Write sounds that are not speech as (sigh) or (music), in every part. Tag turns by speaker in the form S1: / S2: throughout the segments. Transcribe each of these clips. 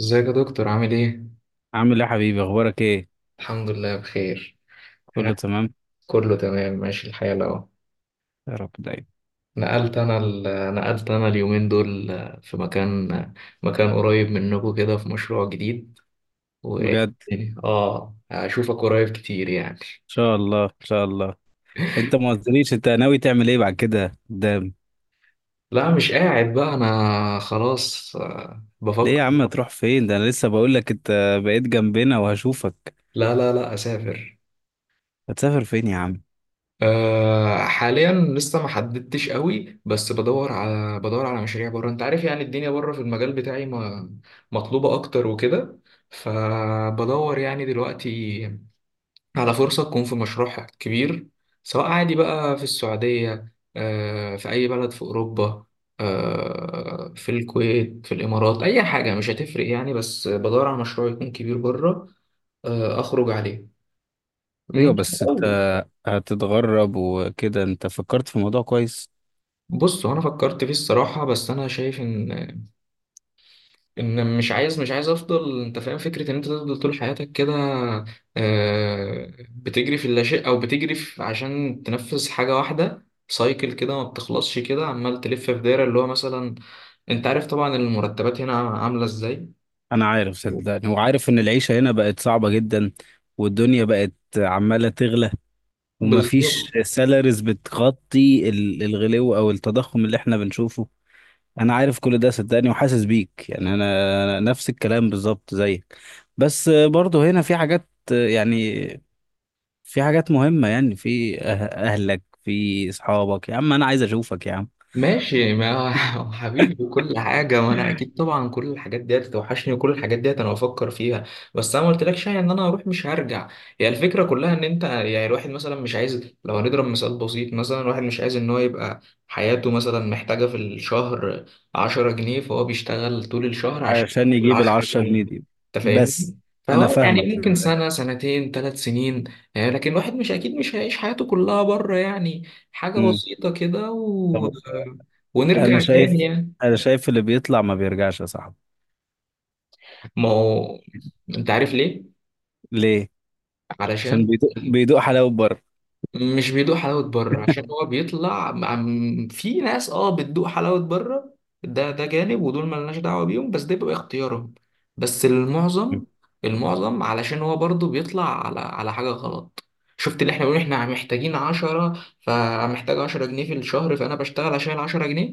S1: ازيك يا دكتور؟ عامل ايه؟
S2: عامل ايه يا حبيبي، اخبارك ايه؟
S1: الحمد لله بخير. ها،
S2: كله تمام،
S1: كله تمام ماشي الحال اهو.
S2: يا رب دايما.
S1: نقلت انا ال... نقلت انا اليومين دول في مكان قريب منكم كده، في مشروع جديد. و
S2: بجد ان
S1: اه اشوفك قريب كتير يعني.
S2: شاء الله ان شاء الله. انت ما قلتليش انت ناوي تعمل ايه بعد كده قدام؟
S1: لا، مش قاعد بقى انا خلاص.
S2: ليه يا
S1: بفكر.
S2: عم تروح فين؟ ده انا لسه بقول لك انت بقيت جنبنا وهشوفك.
S1: لا لا لا، اسافر.
S2: هتسافر فين يا عم؟
S1: حاليا لسه ما حددتش قوي، بس بدور على مشاريع بره. انت عارف يعني الدنيا بره في المجال بتاعي ما مطلوبة اكتر وكده. فبدور يعني دلوقتي على فرصة تكون في مشروع كبير، سواء عادي بقى في السعودية، في اي بلد في اوروبا، في الكويت، في الامارات. اي حاجة مش هتفرق يعني، بس بدور على مشروع يكون كبير بره اخرج عليه.
S2: ايوه،
S1: مم.
S2: بس انت هتتغرب وكده، انت فكرت في الموضوع كويس؟
S1: بص، هو انا فكرت فيه الصراحه، بس انا شايف ان مش عايز افضل. انت فاهم فكره ان انت تفضل طول حياتك كده، بتجري في اللاشيء، او بتجري في عشان تنفذ حاجه واحده، سايكل كده ما بتخلصش، كده عمال تلف في دايره، اللي هو مثلا انت عارف طبعا المرتبات هنا عامله ازاي.
S2: انا عارف صدقني، وعارف ان العيشة هنا بقت صعبة جدا، والدنيا بقت عمالة تغلى،
S1: بالظبط.
S2: ومفيش سالاريز بتغطي الغلو او التضخم اللي احنا بنشوفه. انا عارف كل ده صدقني وحاسس بيك. انا أنا نفس الكلام بالظبط زيك، بس برضه هنا في حاجات، يعني في حاجات مهمة. اهلك، في اصحابك يا عم، انا عايز اشوفك يا عم.
S1: ماشي، ما هو (laughs) حبيبي وكل حاجة، ما أنا أكيد طبعا كل الحاجات ديت توحشني، وكل الحاجات ديت أنا بفكر فيها. بس أنا ما قلتلكش يعني إن أنا هروح مش هرجع. هي الفكرة كلها إن أنت، يعني الواحد مثلا مش عايز، لو هنضرب مثال بسيط، مثلا الواحد مش عايز إن هو يبقى حياته مثلا محتاجة في الشهر 10 جنيه، فهو بيشتغل طول الشهر عشان يجيب
S2: عشان يجيب
S1: العشرة
S2: العشرة
S1: جنيه
S2: جنيه دي.
S1: أنت
S2: بس
S1: فاهمني؟
S2: انا
S1: فهو
S2: فاهمك
S1: يعني ممكن
S2: صدقني.
S1: سنة سنتين 3 سنين. يعني لكن الواحد مش أكيد مش هيعيش حياته كلها بره يعني. حاجة
S2: أمم.
S1: بسيطة كده
S2: طب انا
S1: ونرجع تاني
S2: شايف،
S1: يعني.
S2: انا شايف اللي بيطلع ما بيرجعش يا صاحبي.
S1: ما هو انت عارف ليه؟
S2: ليه؟ عشان
S1: علشان
S2: بيدوق حلاوة بره.
S1: مش بيدوق حلاوة بره، عشان هو بيطلع في ناس اه بتدوق حلاوة بره. ده جانب، ودول ملناش دعوة بيهم، بس ده بيبقى اختيارهم. بس المعظم علشان هو برضو بيطلع على حاجة غلط. شفت؟ اللي احنا بنقول احنا محتاجين 10، فمحتاج 10 جنيه في الشهر، فأنا بشتغل عشان 10 جنيه،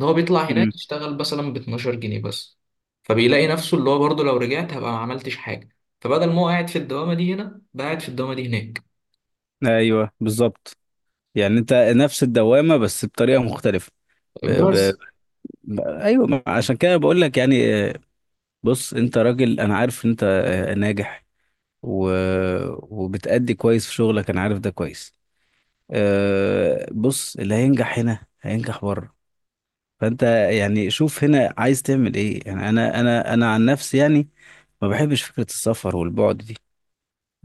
S1: إن هو بيطلع
S2: أمم.
S1: هناك يشتغل مثلا 12 جنيه بس. فبيلاقي نفسه اللي هو برضو، لو رجعت هبقى ما عملتش حاجة. فبدل ما هو قاعد في الدوامة دي هنا، بقى قاعد في الدوامة دي هناك.
S2: ايوه بالظبط، يعني انت نفس الدوامة بس بطريقة مختلفة.
S1: بس
S2: ايوه، عشان كده بقول لك. يعني بص انت راجل، انا عارف انت ناجح و... وبتأدي كويس في شغلك، انا عارف ده كويس. بص، اللي هينجح هنا هينجح بره. فانت يعني شوف هنا عايز تعمل ايه. يعني انا عن نفسي، يعني ما بحبش فكرة السفر والبعد دي.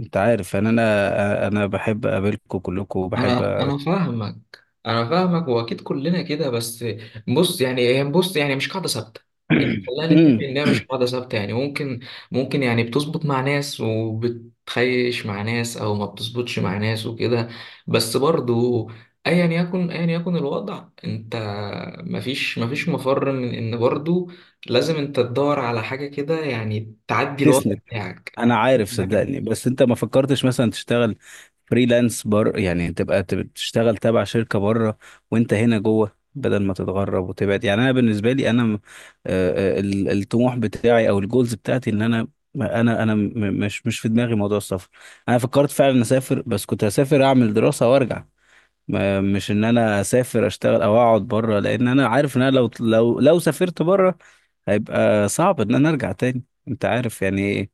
S2: انت عارف يعني انا بحب اقابلكم كلكم وبحب
S1: انا انا فاهمك انا فاهمك واكيد كلنا كده. بس بص، يعني هي بص يعني مش قاعده ثابته. يعني خلينا نتفق
S2: (clears throat)
S1: ان هي مش قاعده ثابته. يعني ممكن يعني بتظبط مع ناس وبتخيش مع ناس او ما بتظبطش مع ناس وكده. بس برضو ايا يكن الوضع، انت مفيش مفر من ان برضو لازم انت تدور على حاجه كده يعني تعدي الوضع
S2: تسند.
S1: بتاعك.
S2: انا
S1: (laughs)
S2: عارف صدقني، بس انت ما فكرتش مثلا تشتغل فريلانس؟ يعني تبقى تشتغل تبع شركة بره، وانت هنا جوه، بدل ما تتغرب وتبعد. يعني انا بالنسبة لي الطموح بتاعي او الجولز بتاعتي ان انا انا م- مش في دماغي موضوع السفر. انا فكرت فعلا اسافر، بس كنت هسافر اعمل دراسة وارجع. مش ان انا اسافر اشتغل او اقعد بره، لان انا عارف ان انا لو لو سافرت بره، هيبقى صعب ان انا ارجع تاني. انت عارف يعني ايه،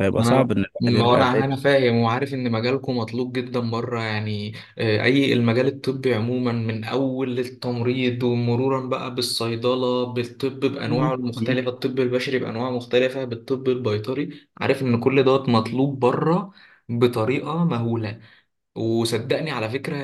S2: هيبقى
S1: انا
S2: صعب ان الواحد
S1: ما هو
S2: يرجع
S1: انا
S2: تاني.
S1: انا فاهم وعارف ان مجالكم مطلوب جدا بره يعني. اي المجال الطبي عموما، من اول التمريض ومرورا بقى بالصيدله، بالطب بانواعه
S2: مم. مم.
S1: المختلفه، الطب البشري بانواعه مختلفه، بالطب البيطري. عارف ان كل دوت مطلوب بره بطريقه مهوله. وصدقني على فكرة،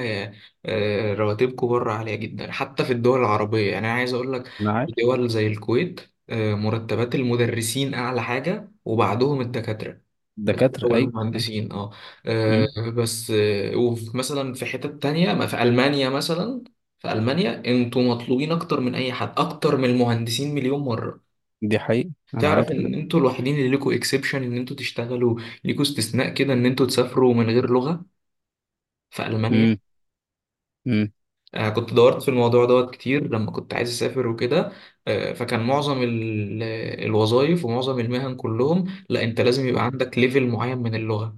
S1: رواتبكم بره عالية جدا، حتى في الدول العربية يعني. أنا عايز أقول لك
S2: انا
S1: في
S2: عارف.
S1: دول زي الكويت، مرتبات المدرسين أعلى حاجة وبعدهم الدكاترة. الدكاترة
S2: دكاترة اي أي.
S1: والمهندسين، آه،
S2: مم.
S1: بس ومثلا في حتت تانية، ما في ألمانيا مثلا. في ألمانيا انتوا مطلوبين أكتر من أي حد، أكتر من المهندسين مليون مرة.
S2: دي حقيقة، انا
S1: تعرف
S2: عارف
S1: إن
S2: ده.
S1: انتوا الوحيدين اللي ليكوا إكسبشن، إن انتوا تشتغلوا ليكوا استثناء كده، إن انتوا تسافروا من غير لغة في ألمانيا.
S2: مم. مم.
S1: كنت دورت في الموضوع دوت كتير لما كنت عايز أسافر وكده. فكان معظم الوظائف ومعظم المهن كلهم، لا أنت لازم يبقى عندك ليفل معين من اللغة.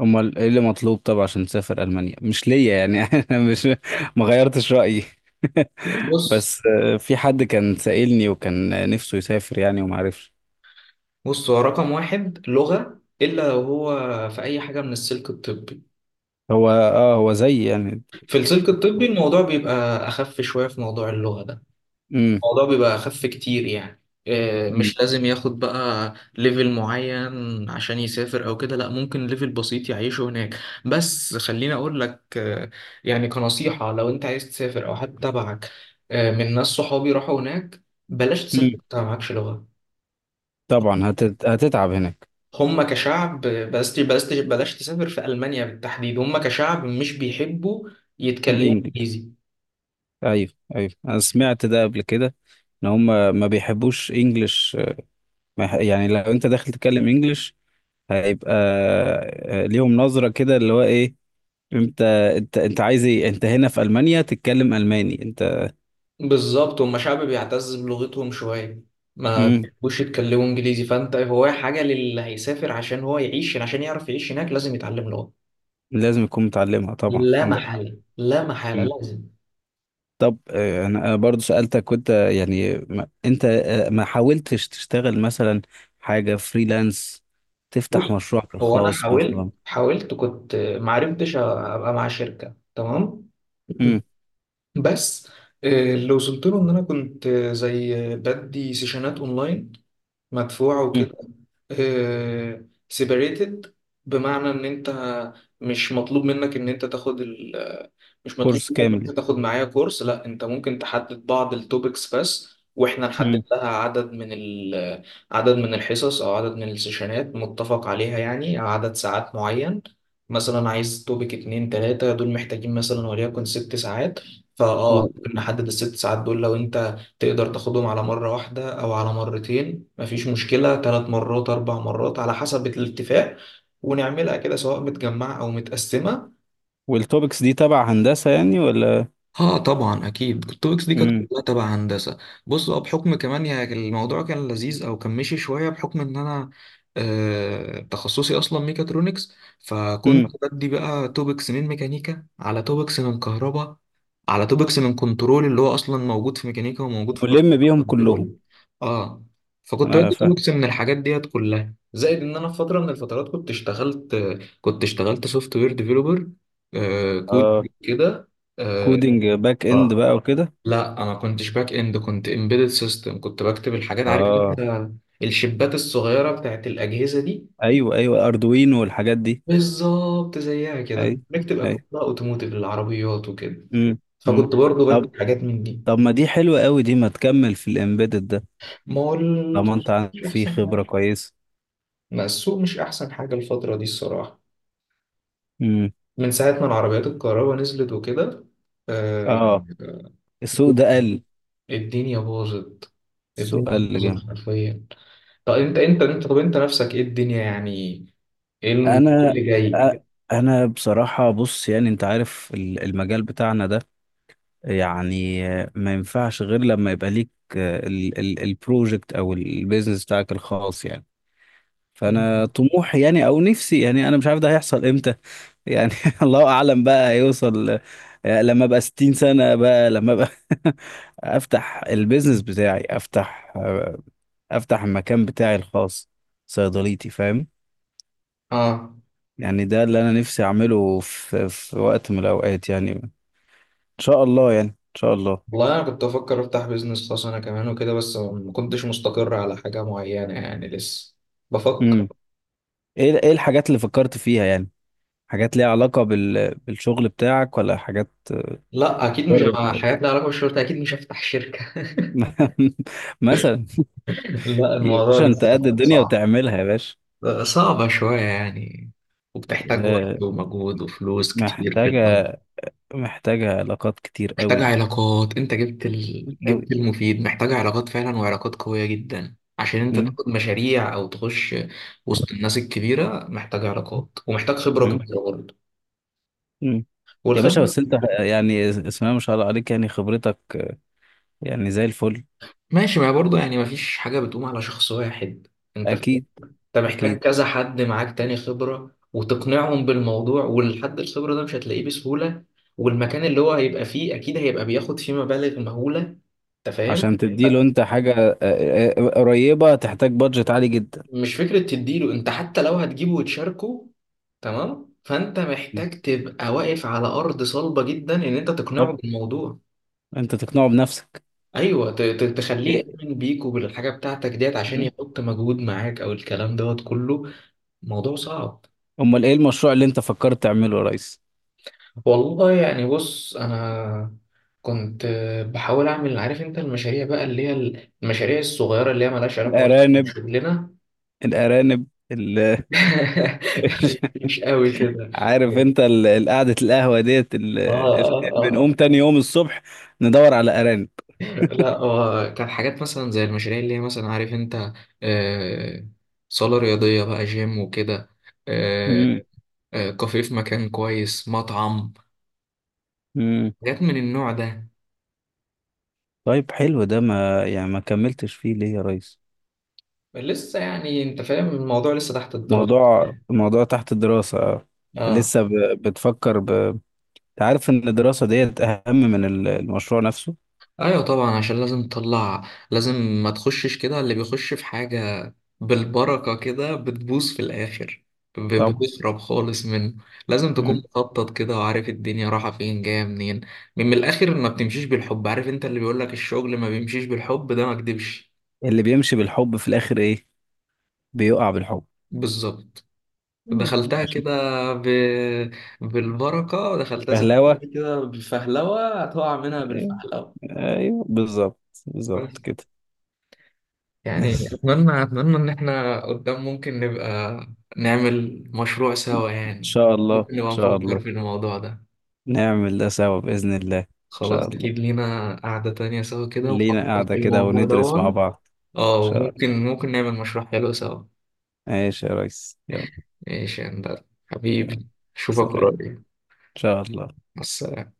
S2: امال ايه اللي مطلوب؟ طب عشان تسافر المانيا، مش ليا يعني (laughs) انا مش، ما غيرتش رايي. (laughs)
S1: بص
S2: بس في حد كان سائلني وكان نفسه يسافر يعني وما عرفش.
S1: بص هو رقم واحد لغة، إلا لو هو في أي حاجة من السلك الطبي.
S2: هو زي يعني.
S1: في السلك الطبي الموضوع بيبقى أخف شوية في موضوع اللغة ده.
S2: امم.
S1: الموضوع بيبقى أخف كتير يعني. مش لازم ياخد بقى ليفل معين عشان يسافر أو كده. لأ، ممكن ليفل بسيط يعيشه هناك. بس خليني أقول لك، يعني كنصيحة، لو أنت عايز تسافر أو حد تبعك، من ناس صحابي راحوا هناك، بلاش تسافر وأنت معكش لغة.
S2: طبعا هتتعب هناك.
S1: هم كشعب، بلاش بلاش بلاش تسافر في ألمانيا بالتحديد. هم كشعب مش بيحبوا يتكلموا
S2: الانجليش.
S1: إنجليزي.
S2: ايوه، ايوه انا سمعت ده قبل كده، ان هم ما بيحبوش انجلش. ما يح- يعني لو انت داخل تتكلم انجلش، هيبقى ليهم نظرة كده، اللي هو ايه؟ انت انت عايز ايه؟ انت هنا في المانيا تتكلم الماني انت.
S1: بالظبط، هم شعب بيعتز بلغتهم شوية، ما
S2: مم.
S1: بيحبوش يتكلموا انجليزي. فانت، هو حاجة للي هيسافر عشان هو يعيش، عشان يعرف يعيش هناك لازم يتعلم لغة،
S2: لازم تكون متعلمها طبعا،
S1: لا
S2: عندك حق.
S1: محالة لا محالة
S2: مم.
S1: لازم.
S2: طب انا برضو سألتك، وانت يعني ما انت ما حاولتش تشتغل مثلا حاجة فريلانس، تفتح
S1: بص،
S2: مشروعك
S1: هو انا
S2: الخاص
S1: حاولت
S2: مثلا؟
S1: حاولت كنت ما عرفتش ابقى مع شركة تمام.
S2: مم.
S1: بس اللي وصلت له ان انا كنت زي بدي سيشنات اونلاين مدفوع
S2: مم.
S1: وكده. سيبريتد، بمعنى ان انت مش مطلوب منك ان انت تاخد ال مش مطلوب
S2: كورس
S1: منك
S2: كامل
S1: ان انت
S2: يعني.
S1: تاخد معايا كورس. لا، انت ممكن تحدد بعض التوبكس بس، واحنا نحدد لها عدد من ال... عدد من الحصص او عدد من السيشنات متفق عليها يعني، او عدد ساعات معين. مثلا عايز توبك اتنين تلاتة دول، محتاجين مثلا وليكن 6 ساعات. فاه
S2: مم.
S1: ممكن نحدد ال6 ساعات دول، لو انت تقدر تاخدهم على مرة واحدة أو على مرتين، مفيش مشكلة، 3 مرات 4 مرات على حسب الاتفاق. ونعملها كده سواء متجمعة أو متقسمة.
S2: والتوبكس دي تبع هندسة يعني ولا؟
S1: اه طبعا، اكيد التوبكس دي كانت
S2: امم.
S1: كلها تبع هندسه. بص، هو بحكم كمان يعني الموضوع كان لذيذ او كان مشي شويه، بحكم ان انا تخصصي اصلا ميكاترونكس. فكنت
S2: امم.
S1: بدي بقى توبكس من ميكانيكا، على توبكس من كهرباء، على توبكس من كنترول، اللي هو اصلا موجود في ميكانيكا وموجود في
S2: ملم بيهم كلهم.
S1: كنترول. اه. فكنت
S2: انا
S1: بدي
S2: فاهم.
S1: توبكس من الحاجات ديت كلها، زائد ان انا في فتره من الفترات كنت اشتغلت، كنت اشتغلت سوفت وير ديفيلوبر. كود
S2: اه.
S1: كده. آه،
S2: كودينج باك اند
S1: اه
S2: بقى وكده؟
S1: لا انا ما كنتش باك اند، كنت امبيدد سيستم. كنت بكتب الحاجات، عارف انت،
S2: اه.
S1: الشبات الصغيره بتاعت الاجهزه دي.
S2: ايوه ايوه، اردوينو والحاجات دي.
S1: بالظبط زيها كده،
S2: ايوه.
S1: بنكتب اكواد
S2: ايوه.
S1: بقى اوتوموتيف للعربيات وكده.
S2: امم. امم.
S1: فكنت برضو
S2: طب،
S1: بكتب حاجات من دي.
S2: طب ما دي حلوة قوي دي، ما تكمل في الامبيدد ده،
S1: ما هو
S2: طالما انت عندك
S1: مش
S2: فيه
S1: احسن حاجه،
S2: خبرة كويسة.
S1: ما السوق مش احسن حاجه الفتره دي الصراحه،
S2: امم.
S1: من ساعه ما العربيات الكهرباء نزلت وكده. آه،
S2: اه، السوق ده قل.
S1: الدنيا باظت.
S2: السوق
S1: الدنيا
S2: قل
S1: باظت
S2: جامد.
S1: حرفيا. طب انت نفسك ايه الدنيا يعني؟ ايه إيه
S2: انا
S1: اللي جاي؟
S2: أ- انا بصراحة، بص يعني انت عارف المجال بتاعنا ده، يعني ما ينفعش غير لما يبقى ليك البروجكت او البيزنس بتاعك الخاص. يعني فانا
S1: مم.
S2: طموحي يعني او نفسي، يعني انا مش عارف ده هيحصل امتى، يعني (laughs) الله اعلم بقى، هيوصل لما ابقى 60 سنة بقى، لما ابقى (laughs) افتح البيزنس بتاعي، افتح افتح المكان بتاعي الخاص، صيدليتي، فاهم؟
S1: اه.
S2: يعني ده اللي انا نفسي اعمله في في وقت من الاوقات، يعني ان شاء الله يعني ان شاء الله.
S1: والله انا كنت بفكر افتح بيزنس خاص انا كمان وكده، بس ما كنتش مستقر على حاجة معينة يعني، لسه بفكر.
S2: ايه ايه الحاجات اللي فكرت فيها يعني؟ حاجات ليها علاقة بالشغل بتاعك ولا حاجات
S1: لا اكيد مش مع
S2: بره؟
S1: حاجات لها علاقة بالشرطة، اكيد مش هفتح شركة.
S2: (laughs) مثلا؟
S1: (laughs) لا،
S2: يا
S1: الموضوع
S2: باشا انت
S1: لسه
S2: قد الدنيا
S1: صعب.
S2: وتعملها يا باشا.
S1: صعبة شوية يعني، وبتحتاج وقت
S2: آه،
S1: ومجهود وفلوس كتير في الأول.
S2: محتاجة، محتاجة علاقات كتير
S1: محتاج
S2: قوي،
S1: علاقات، انت
S2: قوي.
S1: جبت المفيد. محتاج علاقات فعلا، وعلاقات قوية جدا عشان انت
S2: مم.
S1: تاخد مشاريع او تخش وسط الناس الكبيرة. محتاج علاقات ومحتاج خبرة
S2: مم.
S1: كبيرة برضه.
S2: مم. يا باشا
S1: والخبرة...
S2: بس انت، يعني اسمها ما شاء الله عليك، يعني خبرتك يعني زي الفل.
S1: ماشي، ما هي برضه يعني ما فيش حاجة بتقوم على شخص واحد. انت فاهم؟
S2: اكيد.
S1: انت محتاج
S2: اكيد.
S1: كذا حد معاك تاني خبرة، وتقنعهم بالموضوع، والحد الخبرة ده مش هتلاقيه بسهولة. والمكان اللي هو هيبقى فيه اكيد هيبقى بياخد فيه مبالغ مهولة. انت
S2: عشان
S1: فاهم.
S2: تديله انت حاجة قريبة، تحتاج بادجت عالي جدا.
S1: مش فكرة تديله انت، حتى لو هتجيبه وتشاركه تمام، فانت محتاج تبقى واقف على ارض صلبة جدا ان انت تقنعه
S2: طبعا.
S1: بالموضوع.
S2: انت تقنعه بنفسك.
S1: ايوه، تخليه يؤمن بيك وبالحاجة بتاعتك ديت عشان يحط مجهود معاك، او الكلام دوت كله موضوع صعب.
S2: امال ايه المشروع اللي انت فكرت تعمله يا ريس؟
S1: والله يعني، بص انا كنت بحاول اعمل، عارف انت المشاريع بقى اللي هي المشاريع الصغيرة اللي هي ملهاش علاقة اصلا
S2: الارانب،
S1: بشغلنا.
S2: الارانب، ال...
S1: (laughs)
S2: (laughs)
S1: مش قوي كده.
S2: عارف انت قعدة القهوة ديت
S1: اه
S2: (laughs) ال-
S1: اه
S2: بنقوم
S1: اه.
S2: تاني يوم الصبح ندور على ارانب.
S1: لا، هو كان حاجات مثلا زي المشاريع اللي هي مثلا، عارف انت، آه، صالة رياضية بقى جيم وكده. آه،
S2: مم.
S1: كافيه في مكان كويس، مطعم،
S2: مم.
S1: حاجات من النوع ده.
S2: طيب حلو ده، ما يعني ما كملتش فيه ليه يا ريس؟
S1: لسه يعني، انت فاهم، الموضوع لسه تحت الدراسة.
S2: موضوع، موضوع تحت الدراسة آه.
S1: اه.
S2: لسه بتفكر انت عارف ان الدراسة ديت اهم من المشروع نفسه.
S1: ايوه طبعا، عشان لازم تطلع، لازم ما تخشش كده. اللي بيخش في حاجة بالبركة كده بتبوظ في الاخر. ب-
S2: طبعا.
S1: بتخرب خالص منه. لازم تكون
S2: مم.
S1: مخطط كده، وعارف الدنيا رايحة فين جاية منين. من الاخر ما بتمشيش بالحب، عارف انت اللي بيقولك الشغل ما بيمشيش بالحب ده ما كدبش.
S2: اللي بيمشي بالحب في الاخر ايه؟ بيقع بالحب.
S1: بالظبط.
S2: مم.
S1: دخلتها
S2: عشان
S1: كده ب... بالبركة، دخلتها زي ما أنت
S2: بهلاوة.
S1: بتقول كده بالفهلوة، هتقع منها بالفهلوة.
S2: ايوه بالظبط، بالظبط كده. (laughs) ان
S1: يعني أتمنى أتمنى إن إحنا قدام ممكن نبقى نعمل مشروع سوا يعني،
S2: شاء الله ان
S1: ممكن نبقى
S2: شاء
S1: نفكر
S2: الله.
S1: في الموضوع ده.
S2: نعمل ده سوا باذن الله ان شاء
S1: خلاص،
S2: الله.
S1: أكيد لينا قعدة تانية سوا كده،
S2: لينا
S1: ونفكر في
S2: قاعده كده
S1: الموضوع ده.
S2: وندرس مع بعض.
S1: اه،
S2: ان شاء الله.
S1: وممكن ممكن نعمل مشروع حلو سوا.
S2: ماشي يا ريس، يلا.
S1: ماشي يا هندسة
S2: يلا.
S1: حبيبي، أشوفك
S2: سلام ان
S1: قريب.
S2: شاء الله.
S1: مع السلامة.